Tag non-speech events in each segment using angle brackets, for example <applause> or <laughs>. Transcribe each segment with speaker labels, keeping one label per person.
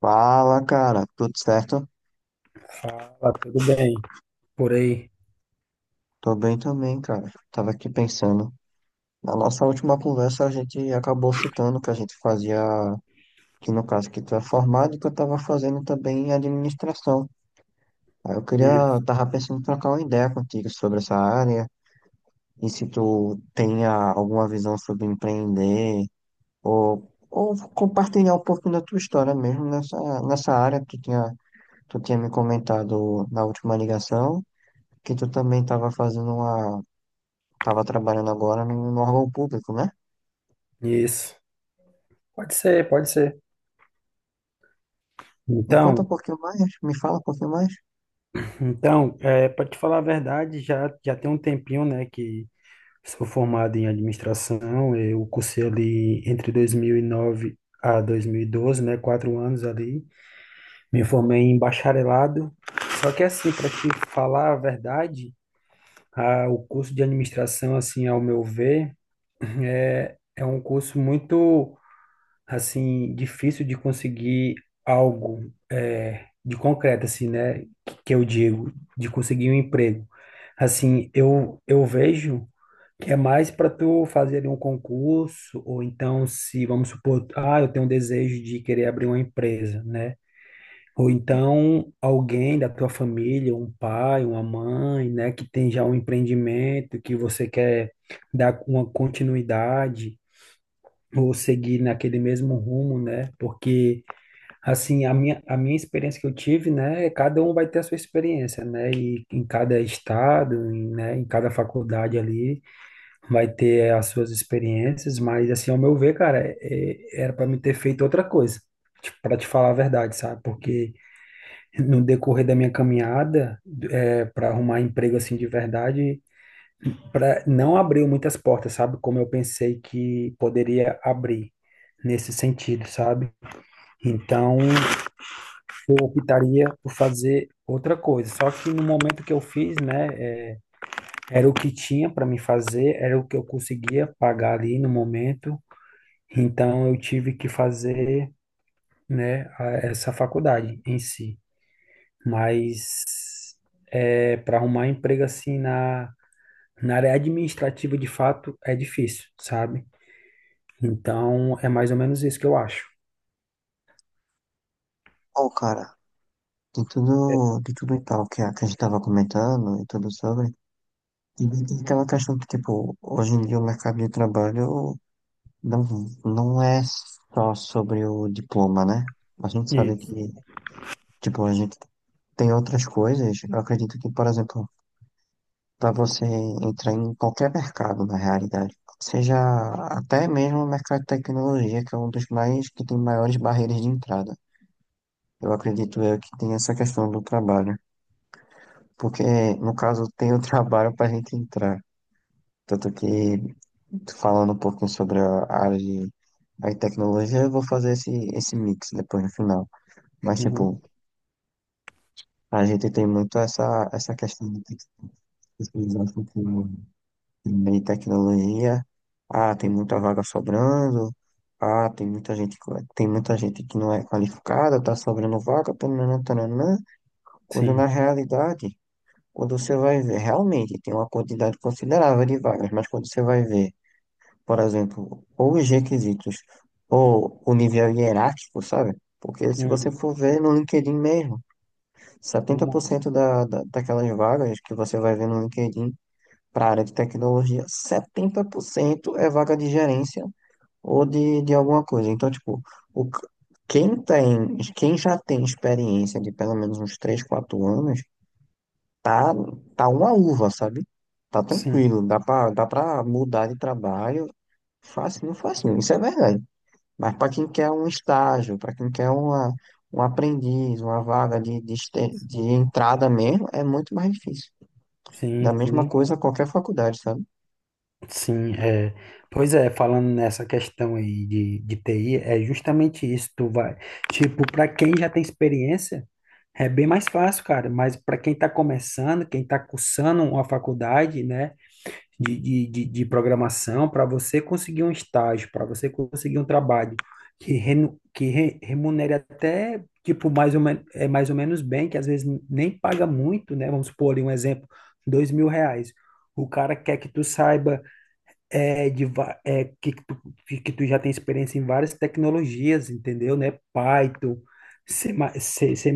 Speaker 1: Fala, cara, tudo certo?
Speaker 2: Fala, tudo bem? Por aí.
Speaker 1: Tô bem também, cara. Tava aqui pensando. Na nossa última conversa, a gente acabou citando que a gente fazia, que no caso que tu é formado e que eu tava fazendo também administração. Aí eu
Speaker 2: Hum.
Speaker 1: queria, tava pensando em trocar uma ideia contigo sobre essa área e se tu tenha alguma visão sobre empreender ou compartilhar um pouco da tua história mesmo nessa, nessa área que tu tinha me comentado na última ligação. Que tu também estava fazendo uma, tava trabalhando agora no órgão público, né?
Speaker 2: Isso. Pode ser, pode ser.
Speaker 1: Me conta um
Speaker 2: Então,
Speaker 1: pouquinho mais, me fala um pouquinho mais.
Speaker 2: então, para te falar a verdade, já tem um tempinho, né, que sou formado em administração. Eu cursei ali entre 2009 a 2012, né, 4 anos ali. Me formei em bacharelado. Só que assim, para te falar a verdade, o curso de administração, assim, ao meu ver, é um curso muito assim, difícil de conseguir algo de concreto, assim, né? Que eu digo, de conseguir um emprego. Assim, eu vejo que é mais para tu fazer ali um concurso, ou então se, vamos supor, ah, eu tenho um desejo de querer abrir uma empresa, né? Ou então alguém da tua família, um pai, uma mãe, né, que tem já um empreendimento que você quer dar uma continuidade ou seguir naquele mesmo rumo, né? Porque, assim, a minha experiência que eu tive, né? Cada um vai ter a sua experiência, né? E em cada estado, em, né? Em cada faculdade ali, vai ter as suas experiências, mas, assim, ao meu ver, cara, era para me ter feito outra coisa. Para te falar a verdade, sabe? Porque no decorrer da minha caminhada, para arrumar emprego assim de verdade, não abriu muitas portas, sabe? Como eu pensei que poderia abrir nesse sentido, sabe? Então, eu optaria por fazer outra coisa. Só que no momento que eu fiz, né, era o que tinha para me fazer, era o que eu conseguia pagar ali no momento. Então, eu tive que fazer, né, essa faculdade em si. Mas para arrumar emprego assim na área administrativa, de fato, é difícil, sabe? Então, é mais ou menos isso que eu acho.
Speaker 1: Ó cara, de tudo e tal que a gente tava comentando e tudo sobre, e aquela questão que, tipo, hoje em dia o mercado de trabalho não, não é só sobre o diploma, né? A gente sabe
Speaker 2: Isso.
Speaker 1: que, tipo, a gente tem outras coisas. Eu acredito que, por exemplo, para você entrar em qualquer mercado, na realidade. Seja até mesmo o mercado de tecnologia, que é um dos mais que tem maiores barreiras de entrada. Eu acredito eu que tem essa questão do trabalho, porque no caso tem o <laughs> trabalho para a gente entrar. Tanto que falando um pouquinho sobre a área de a tecnologia, eu vou fazer esse, esse mix depois no final. Mas
Speaker 2: Uhum.
Speaker 1: tipo, a gente tem muito essa questão de ter que especializar de tecnologia. Ah, tem muita vaga sobrando. Ah, tem muita gente, tem muita gente que não é qualificada, tá sobrando vaga, tananã, tananã. Quando na
Speaker 2: Sim.
Speaker 1: realidade, quando você vai ver, realmente tem uma quantidade considerável de vagas, mas quando você vai ver, por exemplo, ou os requisitos, ou o nível hierárquico, sabe? Porque se você
Speaker 2: Uhum.
Speaker 1: for ver no LinkedIn mesmo,
Speaker 2: Tem uma-
Speaker 1: 70% daquelas vagas que você vai ver no LinkedIn para a área de tecnologia, 70% é vaga de gerência ou de alguma coisa. Então, tipo, o, c- quem tem, quem já tem experiência de pelo menos uns 3, 4 anos, tá, tá uma uva, sabe? Tá
Speaker 2: Sim.
Speaker 1: tranquilo, dá pra mudar de trabalho facinho, facinho, isso é verdade. Mas para quem quer um estágio, para quem quer uma, um aprendiz, uma vaga de
Speaker 2: Sim,
Speaker 1: entrada mesmo, é muito mais difícil.
Speaker 2: sim,
Speaker 1: Da mesma
Speaker 2: sim.
Speaker 1: coisa qualquer faculdade, sabe?
Speaker 2: Sim, é. Pois é, falando nessa questão aí de TI, é justamente isso. Tu vai, tipo, para quem já tem experiência, é bem mais fácil, cara. Mas para quem está começando, quem está cursando uma faculdade, né? De programação para você conseguir um estágio, para você conseguir um trabalho que remunere até, tipo, mais ou menos bem, que às vezes nem paga muito, né? Vamos supor ali um exemplo, R$ 2.000. O cara quer que tu saiba é, de, va- é, que tu já tem experiência em várias tecnologias, entendeu, né? Python, C, C++,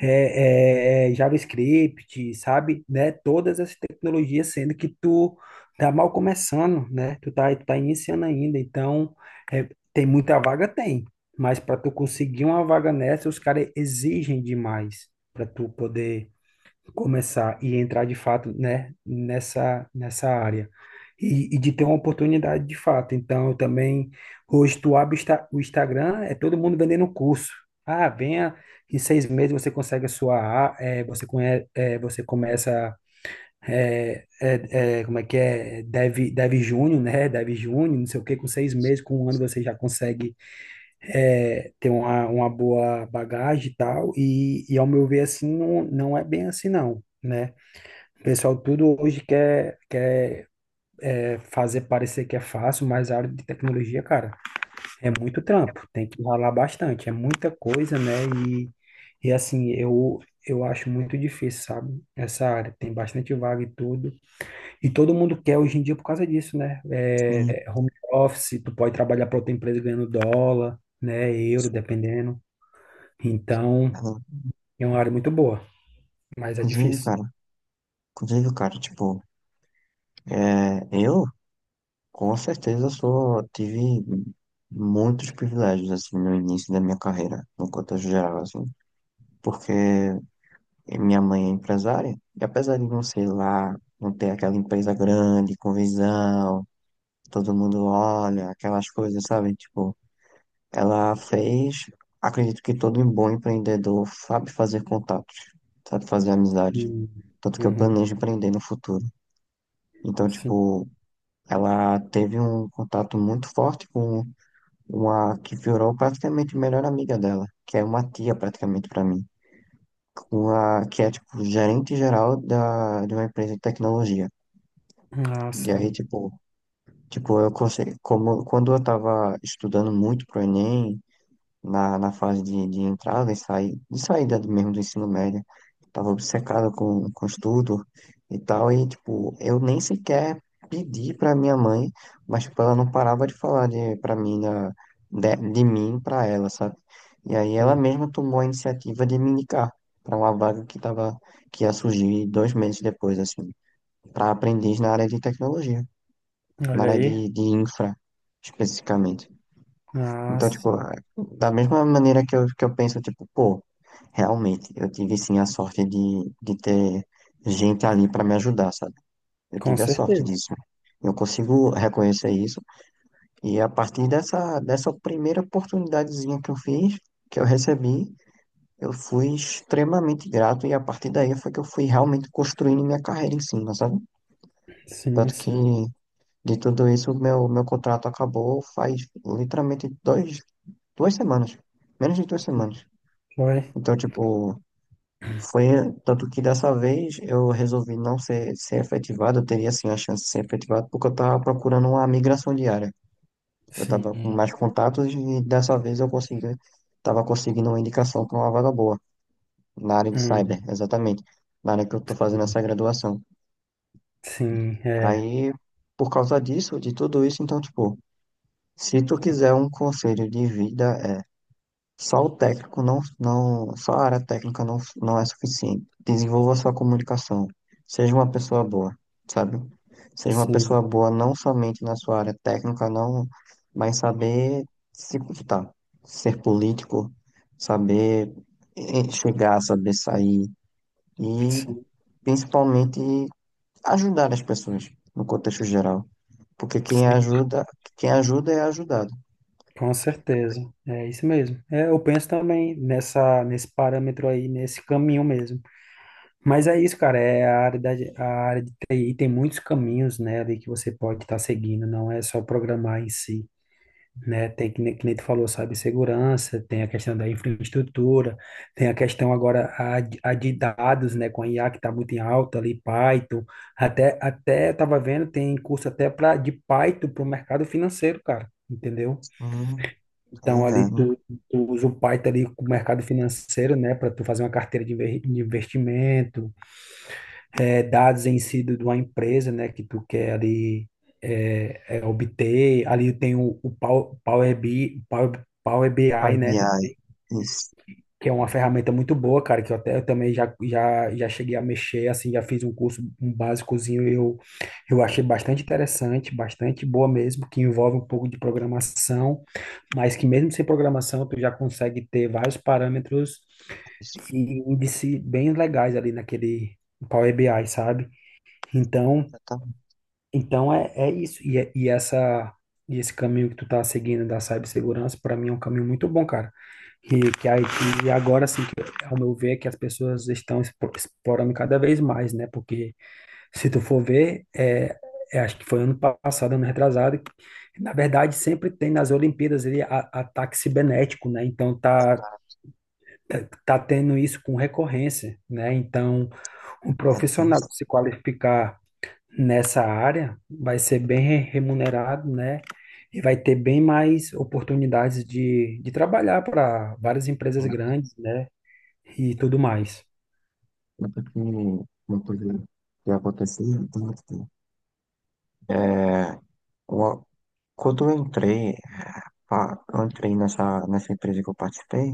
Speaker 2: JavaScript, sabe? Né? Todas essas tecnologias, sendo que tu tá mal começando, né? Tu tá iniciando ainda, então é, tem muita vaga, tem. Mas para tu conseguir uma vaga nessa, os caras exigem demais para tu poder começar e entrar de fato, né, nessa área. E de ter uma oportunidade de fato. Então, eu também, hoje tu abre o Instagram, é todo mundo vendendo curso. Ah, venha, em 6 meses você consegue a sua, você começa, como é que é, Dev Júnior, né, Dev Júnior, não sei o que, com 6 meses, com um ano você já consegue ter uma boa bagagem e tal, e ao meu ver, assim, não, não é bem assim, não. Né? O pessoal tudo hoje quer fazer parecer que é fácil, mas a área de tecnologia, cara, é muito trampo, tem que ralar bastante, é muita coisa, né? E assim, eu acho muito difícil, sabe? Essa área tem bastante vaga e tudo. E todo mundo quer hoje em dia por causa disso, né? É, home office, tu pode trabalhar para outra empresa ganhando dólar, né? Euro, dependendo. Então,
Speaker 1: Sim.
Speaker 2: é uma área muito boa, mas é
Speaker 1: Inclusive,
Speaker 2: difícil.
Speaker 1: cara, inclusive, cara, tipo, é, eu com certeza só tive muitos privilégios, assim, no início da minha carreira, no contexto geral, assim, porque minha mãe é empresária, e apesar de não ser lá, não ter aquela empresa grande, com visão, todo mundo olha, aquelas coisas, sabe? Tipo, ela fez, acredito que todo bom empreendedor sabe fazer contatos, sabe fazer amizades,
Speaker 2: Hum.
Speaker 1: tanto que eu
Speaker 2: Uhum.
Speaker 1: planejo empreender no futuro. Então,
Speaker 2: Sim.
Speaker 1: tipo, ela teve um contato muito forte com uma que virou praticamente a melhor amiga dela, que é uma tia praticamente para mim, com a que é tipo gerente geral da de uma empresa de tecnologia.
Speaker 2: Ah,
Speaker 1: E aí
Speaker 2: sim.
Speaker 1: tipo, tipo eu consegui, como quando eu tava estudando muito pro Enem, na fase de entrada e saída, mesmo do ensino médio. Tava obcecado com estudo e tal, e tipo, eu nem sequer pedi pra minha mãe, mas tipo, ela não parava de falar de, pra mim, de mim pra ela, sabe? E aí ela mesma tomou a iniciativa de me indicar pra uma vaga que tava, que ia surgir dois meses depois, assim, pra aprendiz na área de tecnologia, na
Speaker 2: Olha
Speaker 1: área
Speaker 2: aí.
Speaker 1: de infra, especificamente.
Speaker 2: Ah,
Speaker 1: Então, tipo,
Speaker 2: sim.
Speaker 1: ah, da mesma maneira que eu penso, tipo, pô, realmente, eu tive sim a sorte de ter gente ali pra me ajudar, sabe? Eu
Speaker 2: Com
Speaker 1: tive a sorte
Speaker 2: certeza.
Speaker 1: disso. Eu consigo reconhecer isso. E a partir dessa primeira oportunidadezinha que eu fiz, que eu recebi, eu fui extremamente grato. E a partir daí foi que eu fui realmente construindo minha carreira em cima, sabe?
Speaker 2: Sim,
Speaker 1: Tanto que
Speaker 2: sim.
Speaker 1: de tudo isso, meu contrato acabou faz literalmente duas semanas. Menos de duas semanas.
Speaker 2: Foi.
Speaker 1: Então, tipo, foi. Tanto que dessa vez eu resolvi não ser, ser efetivado, eu teria assim a chance de ser efetivado, porque eu tava procurando uma migração diária. Eu tava com
Speaker 2: Sim.
Speaker 1: mais contatos e dessa vez eu consegui, tava conseguindo uma indicação para uma vaga boa, na área de cyber,
Speaker 2: Hum.
Speaker 1: exatamente, na área que eu tô fazendo essa graduação.
Speaker 2: Sim, é.
Speaker 1: Aí, por causa disso, de tudo isso, então, tipo, se tu quiser um conselho de vida, é, só o técnico não, não, só a área técnica não, não é suficiente. Desenvolva sua comunicação. Seja uma pessoa boa, sabe? Seja uma pessoa
Speaker 2: Sim,
Speaker 1: boa não somente na sua área técnica, não, mas saber se comportar, ser político, saber chegar, saber sair e
Speaker 2: sim,
Speaker 1: principalmente ajudar as pessoas no contexto geral. Porque
Speaker 2: sim.
Speaker 1: quem ajuda é ajudado.
Speaker 2: Com certeza. É isso mesmo. É, eu penso também nesse parâmetro aí, nesse caminho mesmo. Mas é isso, cara. É a área de TI tem muitos caminhos, né, ali que você pode estar seguindo, não é só programar em si. Né? Tem que, nem- Que nem tu falou, segurança tem a questão da infraestrutura, tem a questão agora a de dados, né? Com a IA que está muito em alta ali, Python, até estava vendo, tem curso até para de Python para o mercado financeiro, cara, entendeu?
Speaker 1: Hum, tá
Speaker 2: Então ali
Speaker 1: ligado, né?
Speaker 2: tu, tu usa o Python ali com o mercado financeiro, né? Para tu fazer uma carteira de de investimento, é, dados em si de uma empresa, né, que tu quer ali obter. Ali tem o Power BI, né,
Speaker 1: Ai, isso.
Speaker 2: que é uma ferramenta muito boa, cara, que eu também já cheguei a mexer, assim, já fiz um curso, um básicozinho, e eu achei bastante interessante, bastante boa mesmo, que envolve um pouco de programação, mas que mesmo sem programação tu já consegue ter vários parâmetros e índice bem legais ali naquele Power BI, sabe? Então,
Speaker 1: Exatamente.
Speaker 2: então, é isso. E, é- e essa e esse caminho que tu tá seguindo da cibersegurança, para mim é um caminho muito bom, cara. E que aí, e agora assim, que, ao meu ver, que as pessoas estão explorando cada vez mais, né? Porque se tu for ver, acho que foi ano passado, ano retrasado, que, na verdade sempre tem nas Olimpíadas ataque cibernético, né? Então tá tendo isso com recorrência, né? Então, um
Speaker 1: É
Speaker 2: profissional
Speaker 1: tenso.
Speaker 2: se qualificar nessa área, vai ser bem remunerado, né? E vai ter bem mais oportunidades de trabalhar para várias empresas grandes, né? E tudo mais.
Speaker 1: Tanto que uma coisa que aconteceu, tanto que, é, uma- quando eu entrei, pá, eu entrei nessa, nessa empresa que eu participei,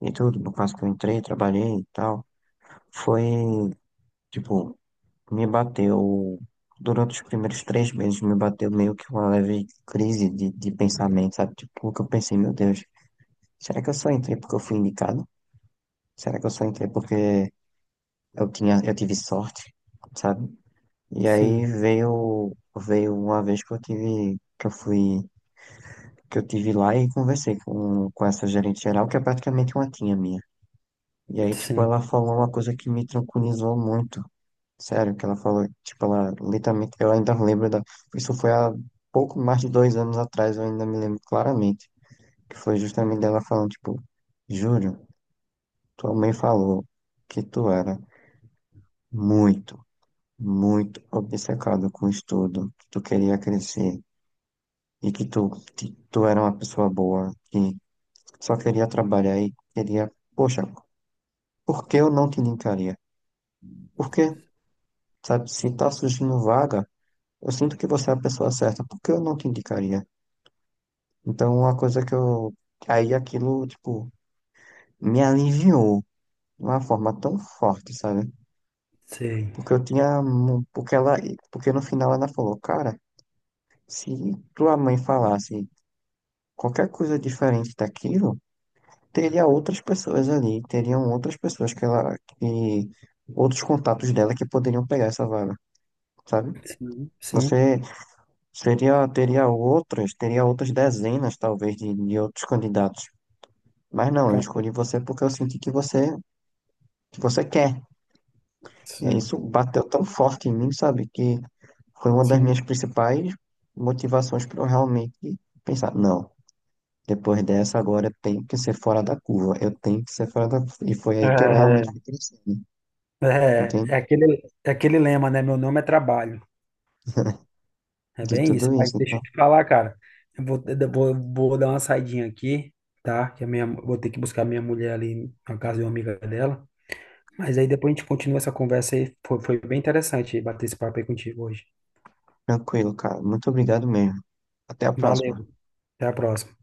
Speaker 1: e tudo, no caso que eu entrei, trabalhei e tal, foi, tipo, me bateu, durante os primeiros três meses, me bateu meio que uma leve crise de pensamento, sabe? Tipo, porque eu pensei, meu Deus, será que eu só entrei porque eu fui indicado? Será que eu só entrei porque eu tive sorte? Sabe? E aí
Speaker 2: Sim,
Speaker 1: veio uma vez que eu tive lá e conversei com essa gerente geral, que é praticamente uma tia minha. E aí, tipo,
Speaker 2: sim,
Speaker 1: ela falou uma coisa que me tranquilizou muito. Sério, que ela falou, tipo, ela literalmente, eu ainda lembro da, isso foi há pouco mais de dois anos atrás, eu ainda me lembro claramente, que foi justamente dela falando, tipo, Júlio, tua mãe falou que tu era muito, muito obcecado com o estudo, que tu queria crescer. e que tu, que tu era uma pessoa boa, que só queria trabalhar e queria, poxa, por que eu não te indicaria? Porque, sabe, se tá surgindo vaga, eu sinto que você é a pessoa certa, por que eu não te indicaria? Então, uma coisa que eu, aí aquilo, tipo, me aliviou de uma forma tão forte, sabe?
Speaker 2: sei.
Speaker 1: Porque eu tinha, mu- porque ela, Porque no final ela falou, cara, se tua mãe falasse qualquer coisa diferente daquilo, teria outras pessoas ali, teriam outras pessoas que outros contatos dela que poderiam pegar essa vaga, sabe?
Speaker 2: Sim, sim,
Speaker 1: Você Teria outras, teria outras dezenas talvez de outros candidatos. Mas não, eu
Speaker 2: com-
Speaker 1: escolhi você porque eu senti que você quer. E aí
Speaker 2: sim,
Speaker 1: isso bateu tão forte em mim, sabe? Que foi uma das
Speaker 2: sim.
Speaker 1: minhas principais motivações para eu realmente pensar, não, depois dessa agora eu tenho que ser fora da curva, eu tenho que ser fora da curva. E foi aí que eu
Speaker 2: É,
Speaker 1: realmente fui crescendo.
Speaker 2: é,
Speaker 1: Entende?
Speaker 2: é aquele, é aquele lema, né? Meu nome é trabalho.
Speaker 1: <laughs>
Speaker 2: É
Speaker 1: De
Speaker 2: bem
Speaker 1: tudo
Speaker 2: isso. Mas
Speaker 1: isso.
Speaker 2: deixa
Speaker 1: Então,
Speaker 2: eu te falar, cara. Vou dar uma saidinha aqui, tá? Que a minha, vou ter que buscar minha mulher ali na casa de uma amiga dela. Mas aí depois a gente continua essa conversa aí. Foi bem interessante bater esse papo aí contigo hoje.
Speaker 1: tranquilo, cara. Muito obrigado mesmo. Até a
Speaker 2: Valeu,
Speaker 1: próxima.
Speaker 2: até a próxima.